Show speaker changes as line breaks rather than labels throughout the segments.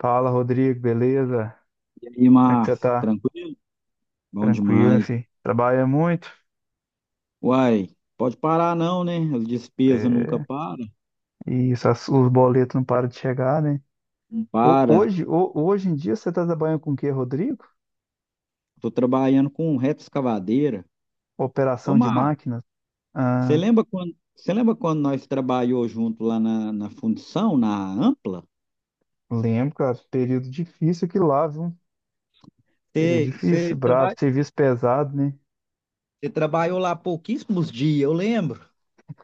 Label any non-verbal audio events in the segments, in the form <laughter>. Fala, Rodrigo, beleza?
E aí,
Como é que você
Márcio,
tá?
tranquilo? Bom
Tranquilo,
demais.
filho. Trabalha muito.
Uai, pode parar não, né? As despesas nunca
É,
param.
e isso, os boletos não param de chegar, né?
Não para.
Hoje em dia você tá trabalhando com o quê, Rodrigo?
Tô trabalhando com retroescavadeira. Ô,
Operação de
Márcio,
máquinas?
você
Ah,
lembra quando, você lembra quando nós trabalhou junto lá na fundição, na Ampla?
Lembro, cara. Período difícil que lá, viu? Período
Você, você,
difícil, bravo,
traba-
serviço pesado, né?
você trabalhou lá pouquíssimos dias, eu lembro.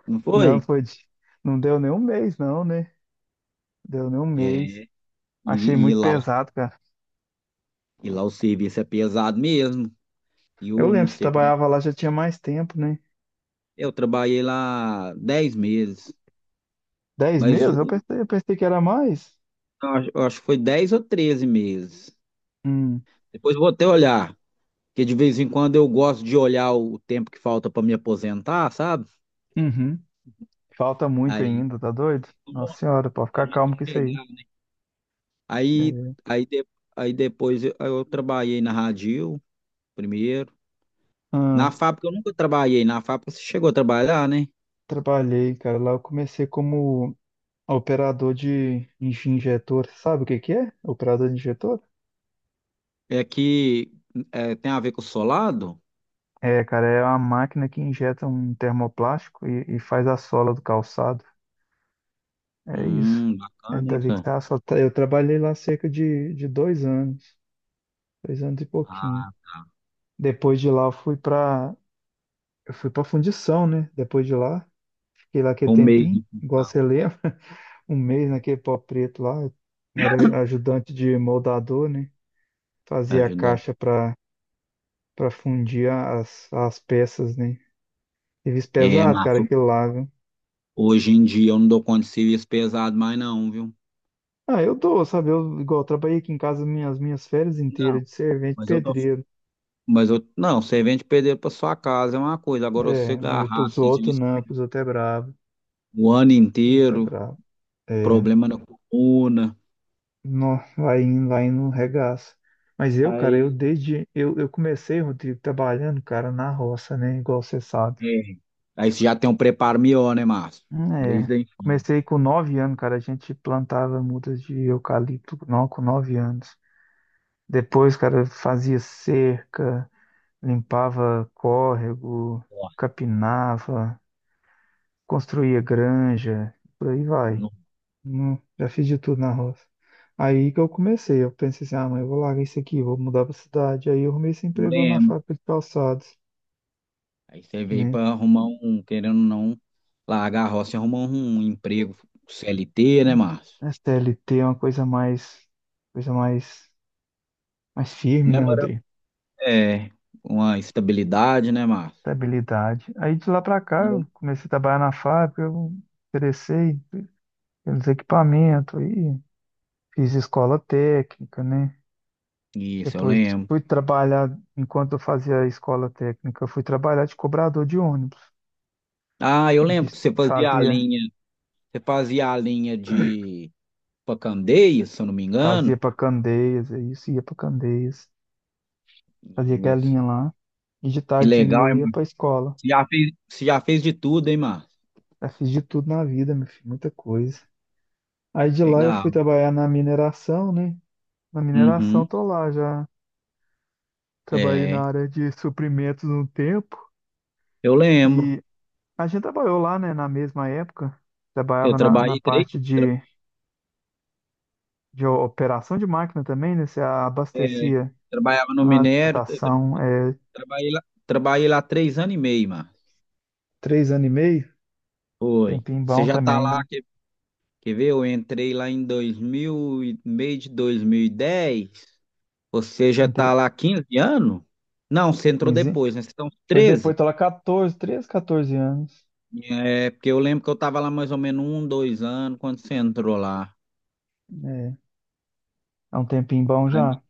Não
Não,
foi?
foi. Não deu nem um mês, não, né? Deu nem um mês.
É,
Achei
e, e
muito
lá, o-
pesado, cara.
e lá o serviço é pesado mesmo. E
Eu
eu não
lembro, você
sei como é.
trabalhava lá já tinha mais tempo, né?
Eu trabalhei lá 10 meses.
Dez
Mas
meses?
o,
Eu pensei que era mais.
eu acho que foi 10 ou 13 meses.
Hum.
Depois eu vou até olhar, porque de vez em quando eu gosto de olhar o tempo que falta para me aposentar, sabe?
Uhum. Falta muito
Aí,
ainda, tá doido? Nossa senhora, pode
a
ficar
gente
calmo com isso aí.
chegar, né? aí,
É.
aí, de- aí depois eu trabalhei na Radil primeiro. Na
Ah,
fábrica eu nunca trabalhei. Na fábrica você chegou a trabalhar, né?
Trabalhei, cara. Lá eu comecei como operador de injetor. Sabe o que que é? Operador de injetor?
É que tem a ver com o solado?
É, cara, é uma máquina que injeta um termoplástico e faz a sola do calçado. É isso. É
Bacana, hein,
dali que
senhor?
tá. Eu trabalhei lá cerca de dois anos e pouquinho.
Ah,
Depois de lá eu fui pra fundição, né? Depois de lá, fiquei lá aquele
um mês
tempinho,
de
igual
função,
você lembra. Um mês naquele pau preto lá, era ajudante de moldador, né? Fazia a caixa
ajudante.
para fundir as, as peças, né? Serviço
É,
pesado,
mas
cara, aquilo lá, viu?
hoje em dia eu não dou conta de serviço pesado mais não, viu?
Ah, eu dou, sabe? Eu, igual, eu trabalhei aqui em casa minhas, minhas férias inteiras
Não,
de servente
mas eu tô.
pedreiro.
Mas eu, não, você vende pedreiro para sua casa é uma coisa. Agora você
É, mas
agarrar
pros
assim,
outros
serviço
não, pros outros é brabo,
o ano
pros outros é
inteiro,
brabo. É,
problema na coluna.
não, vai indo, um regaço. Mas eu, cara,
Aí,
eu comecei, Rodrigo, trabalhando, cara, na roça, né? Igual você sabe.
é. Aí você já tem um preparo melhor, né, Márcio?
É,
Desde a infância.
comecei com nove anos, cara. A gente plantava mudas de eucalipto não, com nove anos. Depois, cara, fazia cerca, limpava córrego,
Ó,
capinava, construía granja, por aí vai.
não
Já fiz de tudo na roça. Aí que eu comecei, eu pensei assim, ah, mãe, eu vou largar isso aqui, vou mudar pra cidade. Aí eu arrumei esse
não
emprego lá na
lembro.
fábrica de calçados,
Aí você veio
né?
para arrumar um, querendo ou não, largar a roça e arrumar um emprego CLT, né, Márcio?
A CLT é uma coisa mais, mais firme,
Né,
né,
Mara?
Rodrigo?
É, uma estabilidade, né, Márcio?
Estabilidade. Aí de lá pra cá eu comecei a trabalhar na fábrica, eu interessei pelos equipamentos, aí fiz escola técnica, né?
Isso, eu
Depois
lembro.
fui trabalhar, enquanto eu fazia a escola técnica, eu fui trabalhar de cobrador de ônibus.
Ah, eu lembro
De-
que você fazia a
Fazia,
linha, você fazia a linha de Pacandeia, se eu não me
fazia
engano.
para Candeias, é isso, ia para Candeias, fazia aquela linha
Isso.
lá, e de
Que
tardezinha
legal,
eu
hein,
ia
Márcio?
para escola.
Você já fez de tudo, hein, Márcio?
Eu fiz de tudo na vida, meu filho, muita coisa. Aí de lá eu fui
Legal.
trabalhar na mineração, né? Na mineração
Uhum.
tô lá já. Trabalhei na
É,
área de suprimentos um tempo
eu lembro.
e a gente trabalhou lá, né, na mesma época.
Eu
Trabalhava na, na
trabalhei três,
parte
tra-
de operação de máquina também, né? Você
é,
abastecia
trabalhava no
a
minério,
alimentação é,
trabalhei lá 3 anos e meio, Márcio.
três anos e meio,
Foi.
tempinho
Você
bom
já tá
também,
lá,
né?
quer, quer ver? Eu entrei lá em 2000, e- meio de 2010. Você já está
Entre
lá há 15 anos? Não, você entrou
quinze.
depois, né? Você tá uns
Foi depois,
13?
tô lá 14, 13, 14 anos.
É, porque eu lembro que eu estava lá mais ou menos um, dois anos quando você entrou lá.
É, é um tempinho bom
Aí,
já.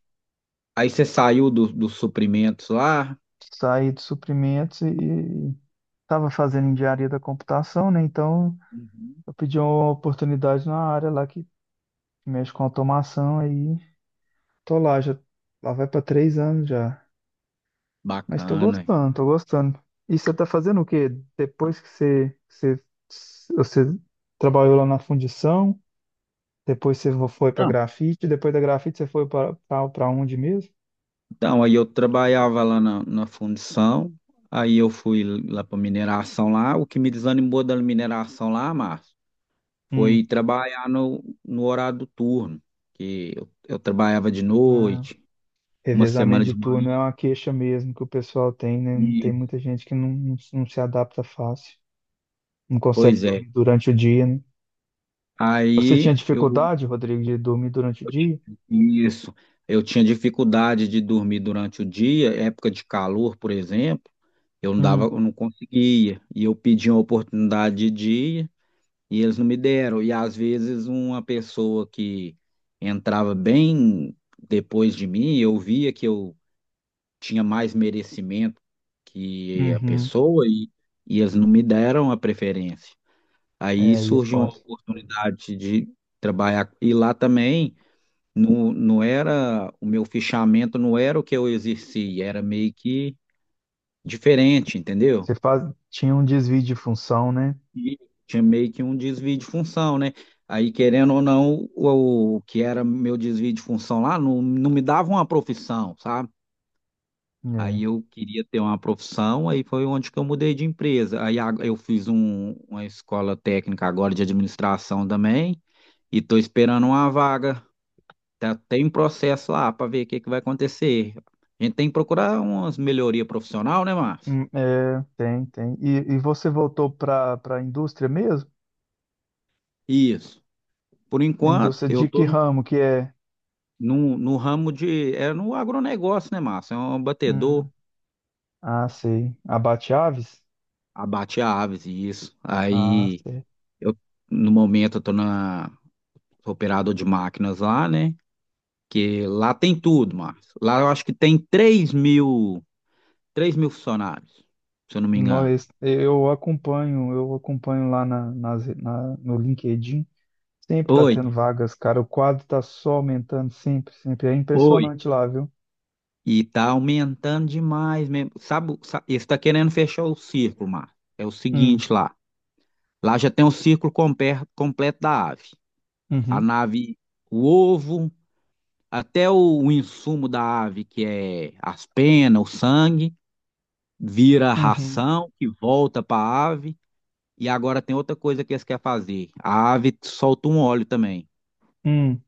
aí você saiu dos suprimentos lá?
Saí de suprimentos e estava fazendo engenharia da computação, né? Então
Uhum.
eu pedi uma oportunidade na área lá que com automação aí. Tô lá, já lá vai pra três anos já. Mas tô
Bacana, hein?
gostando, tô gostando. E você tá fazendo o quê? Depois que você trabalhou lá na fundição, depois você foi pra
Então,
grafite, depois da grafite você foi pra, pra onde mesmo?
então, aí eu trabalhava lá na fundição, aí eu fui lá para mineração lá. O que me desanimou da mineração lá, Márcio,
Hum.
foi trabalhar no horário do turno, que eu trabalhava de
Ah,
noite, uma semana
revezamento de
de manhã.
turno é uma queixa mesmo que o pessoal tem, né? Tem muita gente que não se adapta fácil, não consegue
Pois é.
dormir durante o dia, né? Você tinha
Aí eu
dificuldade, Rodrigo, de dormir durante o dia?
isso, eu tinha dificuldade de dormir durante o dia, época de calor, por exemplo,
Hum.
eu não conseguia. E eu pedi uma oportunidade de dia e eles não me deram. E às vezes uma pessoa que entrava bem depois de mim, eu via que eu tinha mais merecimento que a
Uhum.
pessoa e eles não me deram a preferência. Aí
É, aí é
surgiu uma
foda.
oportunidade de trabalhar e lá também. Não, não era, o meu fichamento não era o que eu exerci, era meio que diferente, entendeu?
Você faz... Tinha um desvio de função, né?
E tinha meio que um desvio de função, né? Aí, querendo ou não, o que era meu desvio de função lá não me dava uma profissão, sabe?
É,
Aí eu queria ter uma profissão, aí foi onde que eu mudei de empresa. Eu fiz uma escola técnica agora de administração também, e estou esperando uma vaga. Tá, tem um processo lá para ver o que que vai acontecer. A gente tem que procurar umas melhoria profissional, né, Márcio?
hum, é, tem, tem. E você voltou para a indústria mesmo?
Isso. Por
A
enquanto,
indústria
eu
de que
tô
ramo que é?
no ramo de. É no agronegócio, né, Márcio? É um batedor,
Hum, Ah, sei. Abate-aves?
abate aves, e isso.
Ah,
Aí,
sei.
eu, no momento, eu tô na, sou operador de máquinas lá, né? Que lá tem tudo, Márcio. Lá eu acho que tem três mil funcionários, se eu não me engano.
Nós, eu acompanho lá na, nas- na- no LinkedIn. Sempre tá
Oi,
tendo vagas, cara. O quadro tá só aumentando sempre, sempre. É
oi.
impressionante lá, viu?
E tá aumentando demais mesmo. Sabe, eles tá querendo fechar o círculo, Márcio. É o
Hum,
seguinte lá. Lá já tem o círculo completo da ave. A
uhum,
nave, o ovo, até o insumo da ave, que é as penas, o sangue, vira
uhum,
ração que volta para a ave. E agora tem outra coisa que eles querem fazer. A ave solta um óleo também.
hum.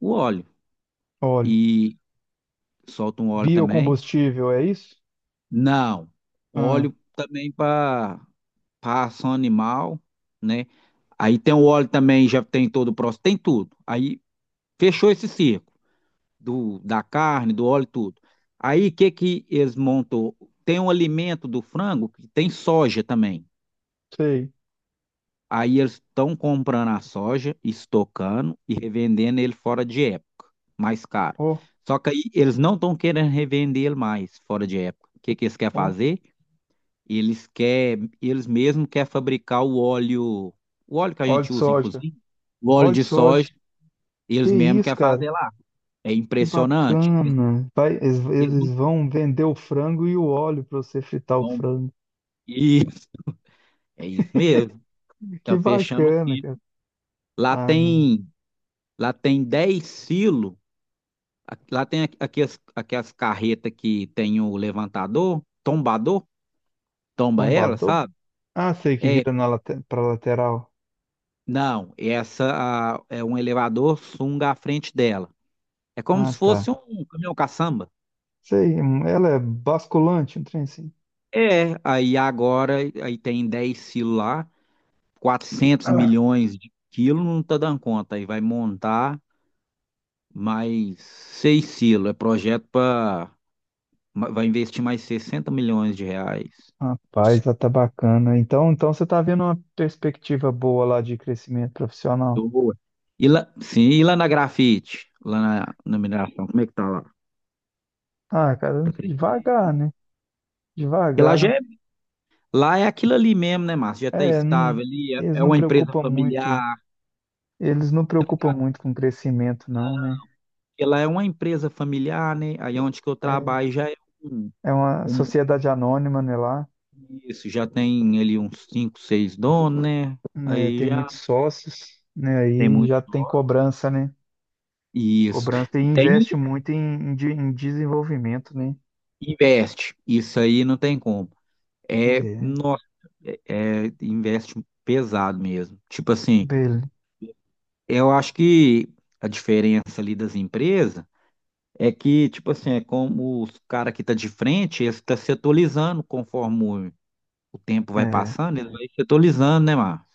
O óleo.
Óleo.
E solta um óleo também.
Biocombustível, é isso?
Não.
Ah,
Óleo também para ração animal, né? Aí tem o óleo também, já tem todo o processo, tem tudo. Aí fechou esse circo do, da carne, do óleo, tudo. Aí o que que eles montam? Tem um alimento do frango que tem soja também.
sei.
Aí eles estão comprando a soja, estocando e revendendo ele fora de época, mais caro.
Ó,
Só que aí eles não estão querendo revender ele mais fora de época. O que que eles querem
ó,
fazer? E eles mesmos querem fabricar o óleo que a
óleo de
gente usa em
soja.
cozinha, o óleo
Óleo de
de
soja.
soja,
Que
eles mesmos
isso,
querem
cara?
fazer lá. É
Que
impressionante.
bacana. Vai, eles,
Eles não
eles vão vender o frango e o óleo para você fritar o
vão. <laughs>
frango.
Isso, é isso mesmo.
Que
Tá fechando o
bacana,
silo.
cara.
Lá
Ah, não.
tem, lá tem 10 silos. Lá tem aquelas carretas que tem o levantador, tombador, tomba ela,
Tombador?
sabe?
Ah, sei que
É,
vira na late, pra lateral.
não, é um elevador sunga à frente dela. É como
Ah,
se
tá.
fosse um caminhão caçamba.
Sei, ela é basculante, um trem assim.
É, aí agora aí tem 10 silos lá, quatrocentos
Ah,
milhões de quilos, não tá dando conta. Aí vai montar mais 6 silos. É projeto para. Vai investir mais R$ 60 milhões.
rapaz, ela tá bacana. Então, então você tá vendo uma perspectiva boa lá de crescimento profissional.
Boa. E lá, sim, e lá na grafite, lá na mineração, como é que tá lá?
Ah, cara,
Tá cre-
devagar, né?
Porque lá, já é,
Devagar.
lá é aquilo ali mesmo, né, Márcio? Já tá
É, não-
estável ali,
eles
é, é
não
uma empresa
preocupam
familiar.
muito, eles não preocupam muito com crescimento, não, né?
Porque lá é uma empresa familiar, né? Aí onde que eu
É,
trabalho já é um.
é uma
Um,
sociedade anônima, né, lá,
isso, já tem ali uns 5 6 donos, né?
né,
Aí
tem
já
muitos sócios, né,
tem
aí
muito.
já tem cobrança, né?
Isso.
Cobrança e
E tem um
investe muito em, em desenvolvimento, né?
que investe. Isso aí não tem como. É,
É,
nossa, é, investe pesado mesmo. Tipo assim,
beleza.
eu acho que a diferença ali das empresas é que, tipo assim, é como os caras que tá de frente, eles estão se atualizando conforme o tempo vai passando, eles vão se atualizando, né, Márcio?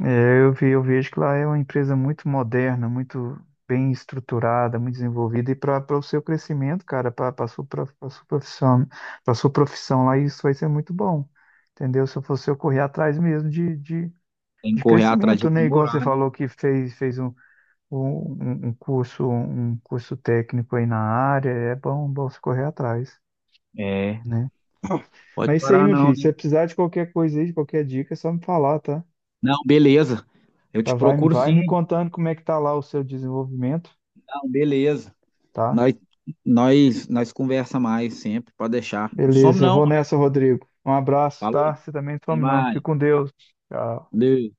É, eu vi, eu vejo que lá é uma empresa muito moderna, muito bem estruturada, muito desenvolvida, e para o seu crescimento, cara, para a sua, pra sua profissão, para sua profissão lá, isso vai ser muito bom, entendeu? Se eu fosse eu correr atrás mesmo
Tem que
de
correr atrás de
crescimento, né? Igual
aprimorar,
você
né?
falou que fez, um curso técnico aí na área, é bom, bom você correr atrás,
É,
né? <coughs>
pode
Mas é isso aí,
parar
meu
não.
filho, se você precisar de qualquer coisa aí, de qualquer dica, é só me falar, tá?
Não, beleza. Eu te
Tá, vai,
procuro
vai me
sim.
contando como é que tá lá o seu desenvolvimento,
Não, beleza.
tá?
Nós, nós conversa mais sempre, pode deixar. Não some
Beleza, eu
não,
vou
mano.
nessa, Rodrigo. Um abraço,
Falou,
tá? Você também
até
some não. Fica
mais.
com Deus. Tchau.
Valeu.